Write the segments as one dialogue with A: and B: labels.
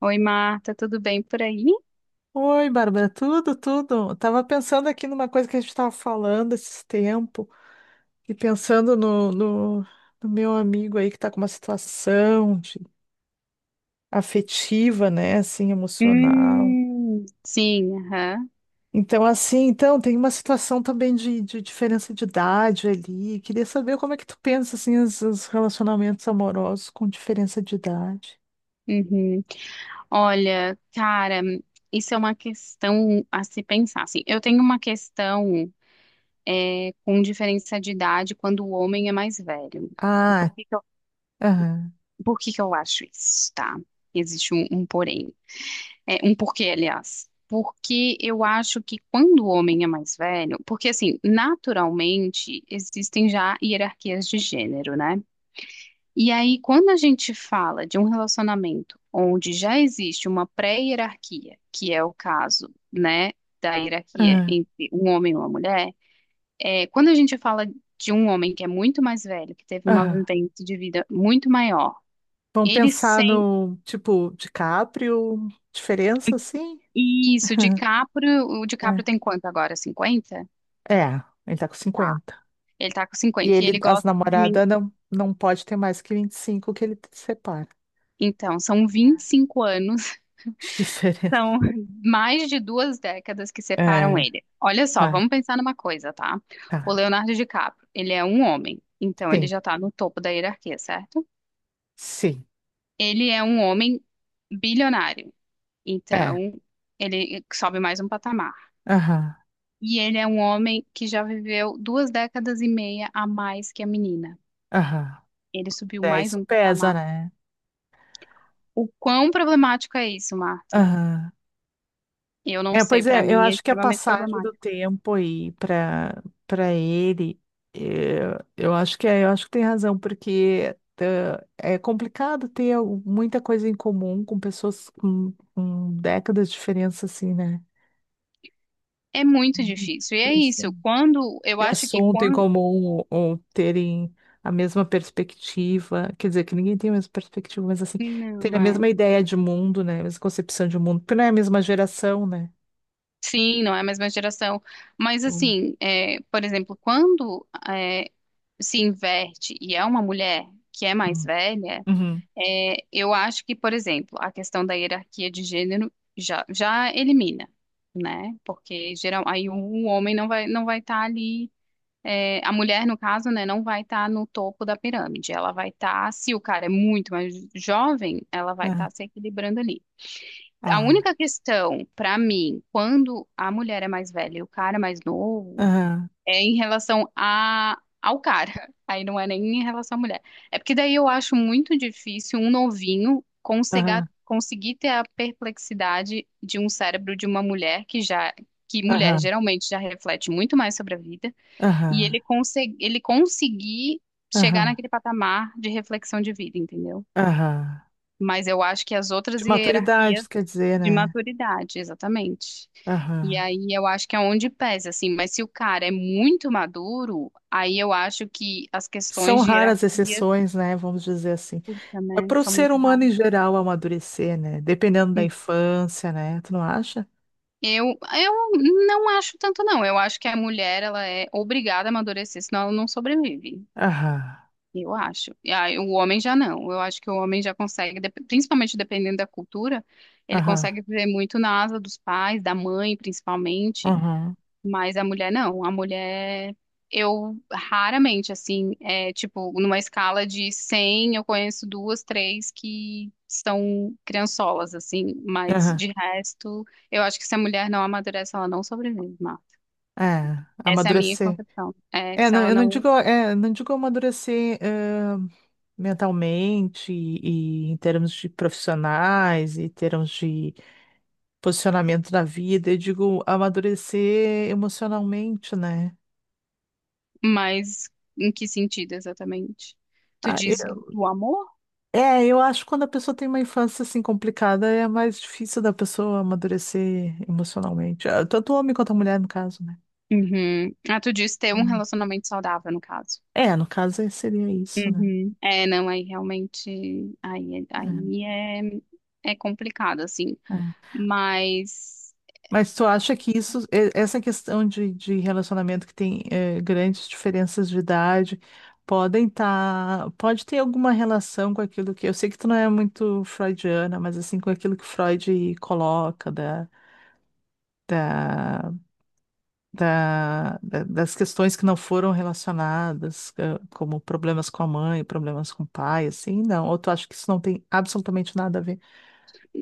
A: Oi, Marta, tudo bem por aí?
B: Oi, Bárbara, tudo, tudo. Tava pensando aqui numa coisa que a gente estava falando esses tempo e pensando no meu amigo aí que tá com uma situação afetiva, né, assim, emocional.
A: Sim, aham.
B: Então, assim, então, tem uma situação também de diferença de idade ali. Queria saber como é que tu pensa, assim, os relacionamentos amorosos com diferença de idade.
A: Uhum. Olha, cara, isso é uma questão a se pensar. Assim, eu tenho uma questão com diferença de idade quando o homem é mais velho. E
B: Ah,
A: Por que que eu,
B: aham,
A: por que que eu acho isso, tá? Existe um porém. É, um porquê, aliás. Porque eu acho que quando o homem é mais velho, porque assim, naturalmente existem já hierarquias de gênero, né? E aí, quando a gente fala de um relacionamento onde já existe uma pré-hierarquia, que é o caso, né, da hierarquia
B: aham,
A: entre um homem e uma mulher, é, quando a gente fala de um homem que é muito mais velho, que teve uma
B: aham.
A: vivência de vida muito maior,
B: Vamos
A: ele
B: pensar
A: sem
B: no, tipo, DiCaprio, diferença, assim?
A: isso, DiCaprio, o DiCaprio tem quanto agora? 50?
B: É, é, ele tá com
A: Tá.
B: 50.
A: Ele tá com
B: E
A: 50 e
B: ele,
A: ele
B: as
A: gosta de mim.
B: namoradas não pode ter mais que 25 que ele te separa.
A: Então, são vinte e cinco anos
B: De diferença.
A: São mais de 2 décadas que separam
B: É,
A: ele. Olha só,
B: tá,
A: vamos pensar numa coisa, tá? O
B: tá.
A: Leonardo DiCaprio, ele é um homem, então ele
B: Sim,
A: já tá no topo da hierarquia, certo?
B: sim.
A: Ele é um homem bilionário,
B: É.
A: então ele sobe mais um patamar.
B: Aham,
A: E ele é um homem que já viveu 2 décadas e meia a mais que a menina.
B: aham.
A: Ele subiu
B: É,
A: mais
B: isso
A: um
B: pesa,
A: patamar.
B: né?
A: O quão problemático é isso, Marta?
B: Aham.
A: Eu não
B: É,
A: sei,
B: pois
A: pra
B: é, eu
A: mim é
B: acho que a
A: extremamente
B: passagem do
A: problemático.
B: tempo aí para ele, eu acho que tem razão, porque é complicado ter muita coisa em comum com pessoas com décadas de diferença, assim, né?
A: É muito
B: Uhum,
A: difícil. E é isso.
B: difícil.
A: Quando eu
B: Ter
A: acho que
B: assunto em
A: quando
B: comum ou terem a mesma perspectiva, quer dizer, que ninguém tem a mesma perspectiva, mas assim, ter
A: não
B: a
A: é.
B: mesma ideia de mundo, né? A mesma concepção de mundo, porque não é a mesma geração, né?
A: Sim, não é a mesma geração. Mas
B: Então,
A: assim, é, por exemplo, quando é, se inverte e é uma mulher que é mais
B: hum.
A: velha,
B: Uhum.
A: é, eu acho que, por exemplo, a questão da hierarquia de gênero já elimina, né? Porque geral, aí o homem não vai estar ali é, a mulher, no caso, né, não vai estar no topo da pirâmide. Ela vai estar, se o cara é muito mais jovem, ela vai
B: É.
A: estar se equilibrando ali. A
B: Ah,
A: única questão, para mim, quando a mulher é mais velha e o cara é mais novo,
B: aham,
A: é em relação a, ao cara. Aí não é nem em relação à mulher. É porque daí eu acho muito difícil um novinho conseguir,
B: aham,
A: conseguir ter a perplexidade de um cérebro de uma mulher que já, que mulher
B: aham,
A: geralmente já reflete muito mais sobre a vida e
B: aham,
A: ele conseguir chegar
B: aham,
A: naquele patamar de reflexão de vida, entendeu?
B: aham.
A: Mas eu acho que as outras
B: De maturidade,
A: hierarquias
B: isso quer dizer,
A: de
B: né?
A: maturidade, exatamente. E
B: Aham.
A: aí eu acho que é onde pesa, assim. Mas se o cara é muito maduro, aí eu acho que as
B: São
A: questões de
B: raras
A: hierarquia,
B: exceções, né? Vamos dizer assim.
A: puta,
B: É
A: né,
B: para o
A: são
B: ser
A: muito
B: humano
A: raras.
B: em geral amadurecer, né? Dependendo da infância, né? Tu não acha?
A: Eu não acho tanto, não. Eu acho que a mulher, ela é obrigada a amadurecer, senão ela não sobrevive.
B: Aham,
A: Eu acho. E aí, o homem já não. Eu acho que o homem já consegue, principalmente dependendo da cultura, ele
B: aham,
A: consegue viver muito na asa dos pais, da mãe, principalmente.
B: aham,
A: Mas a mulher não. A mulher, eu raramente, assim, é tipo, numa escala de 100, eu conheço duas, três que são criançolas, assim. Mas
B: aham.
A: de resto, eu acho que se a mulher não amadurece, ela não sobrevive, Marta.
B: É,
A: Essa é a minha
B: amadurecer.
A: concepção. É,
B: É,
A: se
B: não,
A: ela
B: eu não
A: não.
B: digo, é, não digo amadurecer, mentalmente e em termos de profissionais, e em termos de posicionamento na vida, eu digo amadurecer emocionalmente, né?
A: Mas em que sentido exatamente? Tu
B: Ah,
A: diz do amor?
B: é, eu acho que quando a pessoa tem uma infância assim complicada, é mais difícil da pessoa amadurecer emocionalmente. Ah, tanto o homem quanto a mulher, no caso, né?
A: Uhum. Ah, tu diz ter um
B: Hum.
A: relacionamento saudável, no caso.
B: É, no caso seria isso, né?
A: Uhum. É, não, aí realmente, aí, aí é complicado, assim,
B: É, é.
A: mas,
B: Mas tu acha que isso, essa questão de relacionamento que tem grandes diferenças de idade, pode ter alguma relação com aquilo que, eu sei que tu não é muito freudiana, mas assim, com aquilo que Freud coloca da, das questões que não foram relacionadas, como problemas com a mãe, problemas com o pai, assim, não. Ou tu acha que isso não tem absolutamente nada a ver?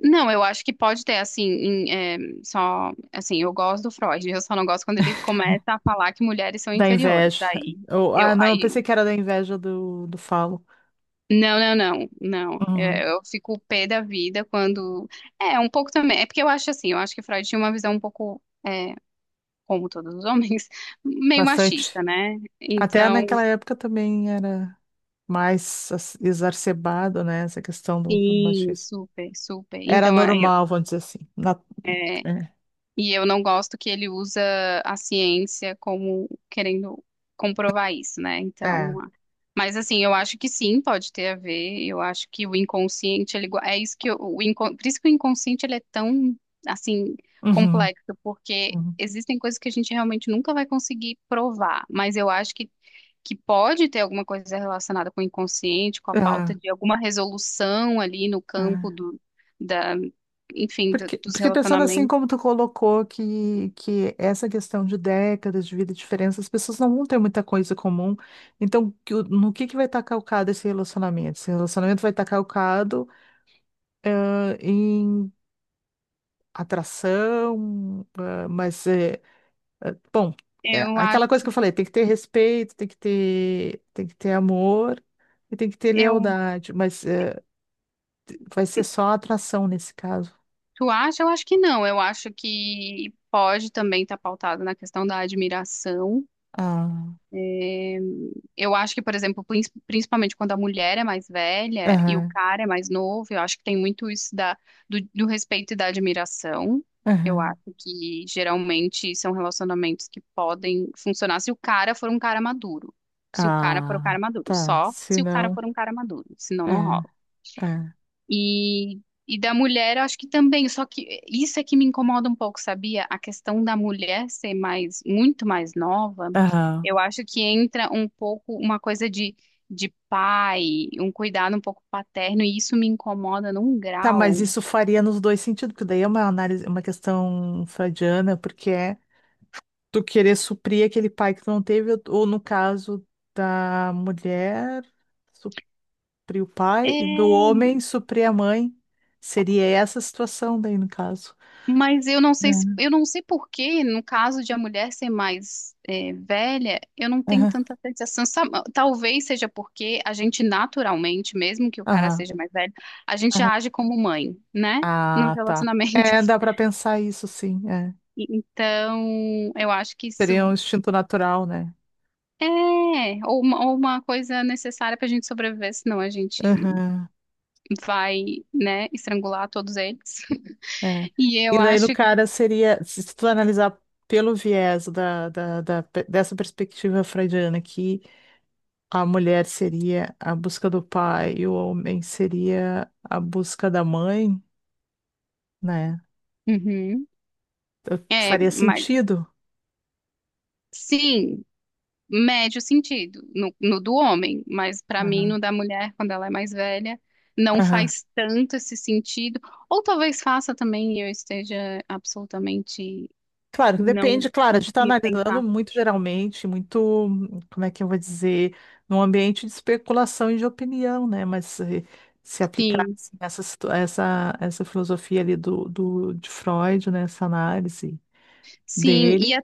A: não, eu acho que pode ter, assim, em, é, só, assim, eu gosto do Freud, eu só não gosto quando ele começa a falar que mulheres são
B: Da
A: inferiores,
B: inveja.
A: aí,
B: Ou,
A: eu,
B: ah, não, eu
A: aí
B: pensei que era da inveja do falo.
A: Não, não, não, não. É, eu fico pé da vida quando. É, um pouco também. É porque eu acho assim, eu acho que Freud tinha uma visão um pouco, como todos os homens, meio
B: Bastante.
A: machista, né?
B: Até
A: Então,
B: naquela época também era mais exacerbado, né? Essa questão do
A: sim,
B: machismo.
A: super, super.
B: Era
A: Então,
B: normal, vamos dizer assim.
A: é, E eu não gosto que ele usa a ciência como querendo comprovar isso, né?
B: É. É.
A: Então, mas assim, eu acho que sim, pode ter a ver. Eu acho que o inconsciente, ele gua- é isso que eu- o inco- por isso que o inconsciente ele é tão assim
B: Uhum,
A: complexo, porque
B: uhum.
A: existem coisas que a gente realmente nunca vai conseguir provar, mas eu acho que pode ter alguma coisa relacionada com o inconsciente, com a falta
B: Ah,
A: de alguma resolução ali no campo
B: ah.
A: do da, enfim, do-
B: Porque,
A: dos
B: porque pensando assim,
A: relacionamentos.
B: como tu colocou que essa questão de décadas de vida e diferença, as pessoas não vão ter muita coisa comum. Então, no que vai estar calcado esse relacionamento? Esse relacionamento vai estar calcado, ah, em atração, ah, mas bom, é
A: Eu
B: aquela coisa
A: acho,
B: que eu falei, tem que ter respeito, tem que ter amor e tem que ter
A: eu,
B: lealdade, mas vai ser só atração nesse caso.
A: tu acha? Eu acho que não. Eu acho que pode também estar pautado na questão da admiração.
B: Ah,
A: É, eu acho que, por exemplo, principalmente quando a mulher é mais velha e o
B: aham,
A: cara é mais novo, eu acho que tem muito isso do respeito e da admiração. Eu
B: aham.
A: acho que geralmente são relacionamentos que podem funcionar se o cara for um cara maduro. Se o cara for um cara
B: Ah,
A: maduro,
B: tá,
A: só
B: se
A: se o cara
B: não,
A: for um cara maduro, senão não rola.
B: é, é.
A: E, e da mulher, acho que também, só que isso é que me incomoda um pouco, sabia? A questão da mulher ser mais, muito mais nova,
B: Aham.
A: eu acho que entra um pouco uma coisa de pai, um cuidado um pouco paterno, e isso me incomoda num
B: Tá, mas
A: grau.
B: isso faria nos dois sentidos, porque daí é uma análise, uma questão freudiana, porque é tu querer suprir aquele pai que tu não teve, ou no caso da mulher, suprir o pai e do
A: É,
B: homem suprir a mãe. Seria essa a situação daí, no caso.
A: mas
B: É.
A: eu não sei por que, no caso de a mulher ser mais velha, eu não tenho
B: Aham,
A: tanta sensação. Talvez seja porque a gente naturalmente, mesmo que o cara
B: aham,
A: seja mais velho, a gente
B: aham.
A: age como mãe, né? Nos
B: Ah, tá. É,
A: relacionamentos.
B: dá para pensar isso, sim. É.
A: Então, eu acho que
B: Seria
A: isso
B: um instinto natural, né?
A: é ou uma coisa necessária para a gente sobreviver, senão a gente
B: Aham,
A: vai, né, estrangular todos eles.
B: é.
A: E eu
B: E daí no
A: acho.
B: cara seria, se tu analisar pelo viés dessa perspectiva freudiana, que a mulher seria a busca do pai e o homem seria a busca da mãe, né?
A: Uhum. É,
B: Faria
A: mas
B: sentido.
A: sim. Médio sentido no do homem, mas para mim
B: Aham,
A: no da mulher, quando ela é mais velha, não
B: aham.
A: faz tanto esse sentido. Ou talvez faça também e eu esteja absolutamente
B: Claro, que
A: não
B: depende, claro, a
A: não
B: gente está
A: conseguindo pensar.
B: analisando muito geralmente, muito, como é que eu vou dizer, num ambiente de especulação e de opinião, né? Mas se aplicar
A: Sim,
B: assim, essa filosofia ali de Freud, né? Essa análise
A: sim,
B: dele.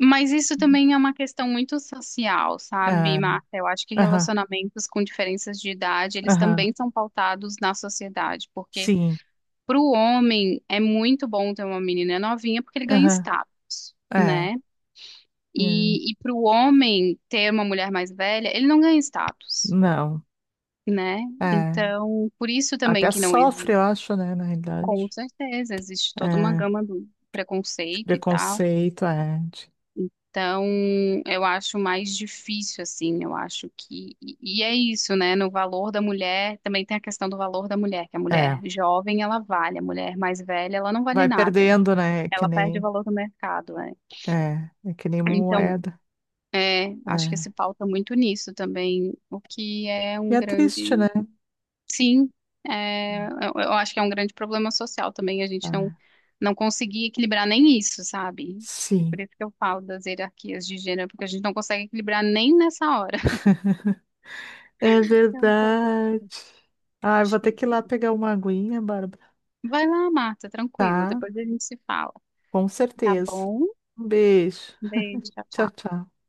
A: mas isso também é uma questão muito social,
B: É,
A: sabe, Marta? Eu acho que
B: aham,
A: relacionamentos com diferenças de idade, eles
B: aham,
A: também são pautados na sociedade, porque
B: sim,
A: para o homem é muito bom ter uma menina novinha porque ele ganha
B: aham,
A: status.
B: é,
A: Né?
B: é,
A: E para o homem ter uma mulher mais velha, ele não ganha status,
B: não,
A: né?
B: é,
A: Então, por isso também
B: até
A: que não
B: sofre,
A: existe.
B: eu acho, né, na
A: Com
B: realidade,
A: certeza, existe toda uma
B: é,
A: gama do
B: de
A: preconceito e tal.
B: preconceito, é,
A: Então, eu acho mais difícil, assim, eu acho que. E é isso, né? No valor da mulher, também tem a questão do valor da mulher, que a
B: é,
A: mulher jovem, ela vale, a mulher mais velha, ela não vale
B: vai
A: nada.
B: perdendo, né, que
A: Ela perde o
B: nem
A: valor do mercado, né?
B: é, é que nem uma
A: Então,
B: moeda.
A: É, acho que
B: É.
A: se pauta muito nisso também, o que é
B: E
A: um
B: é triste,
A: grande,
B: né?
A: sim, é, eu acho que é um grande problema social também, a gente não,
B: É,
A: não conseguir equilibrar nem isso, sabe? É
B: sim.
A: por isso que eu falo das hierarquias de gênero, porque a gente não consegue equilibrar nem nessa hora.
B: É
A: É um problema
B: verdade. Ah, eu vou ter
A: difícil.
B: que ir lá pegar uma aguinha, Bárbara.
A: Vai lá, Marta, tranquilo,
B: Tá,
A: depois a gente se fala.
B: com
A: Tá
B: certeza.
A: bom?
B: Um beijo.
A: Um beijo, tchau,
B: Tchau,
A: tchau.
B: tchau.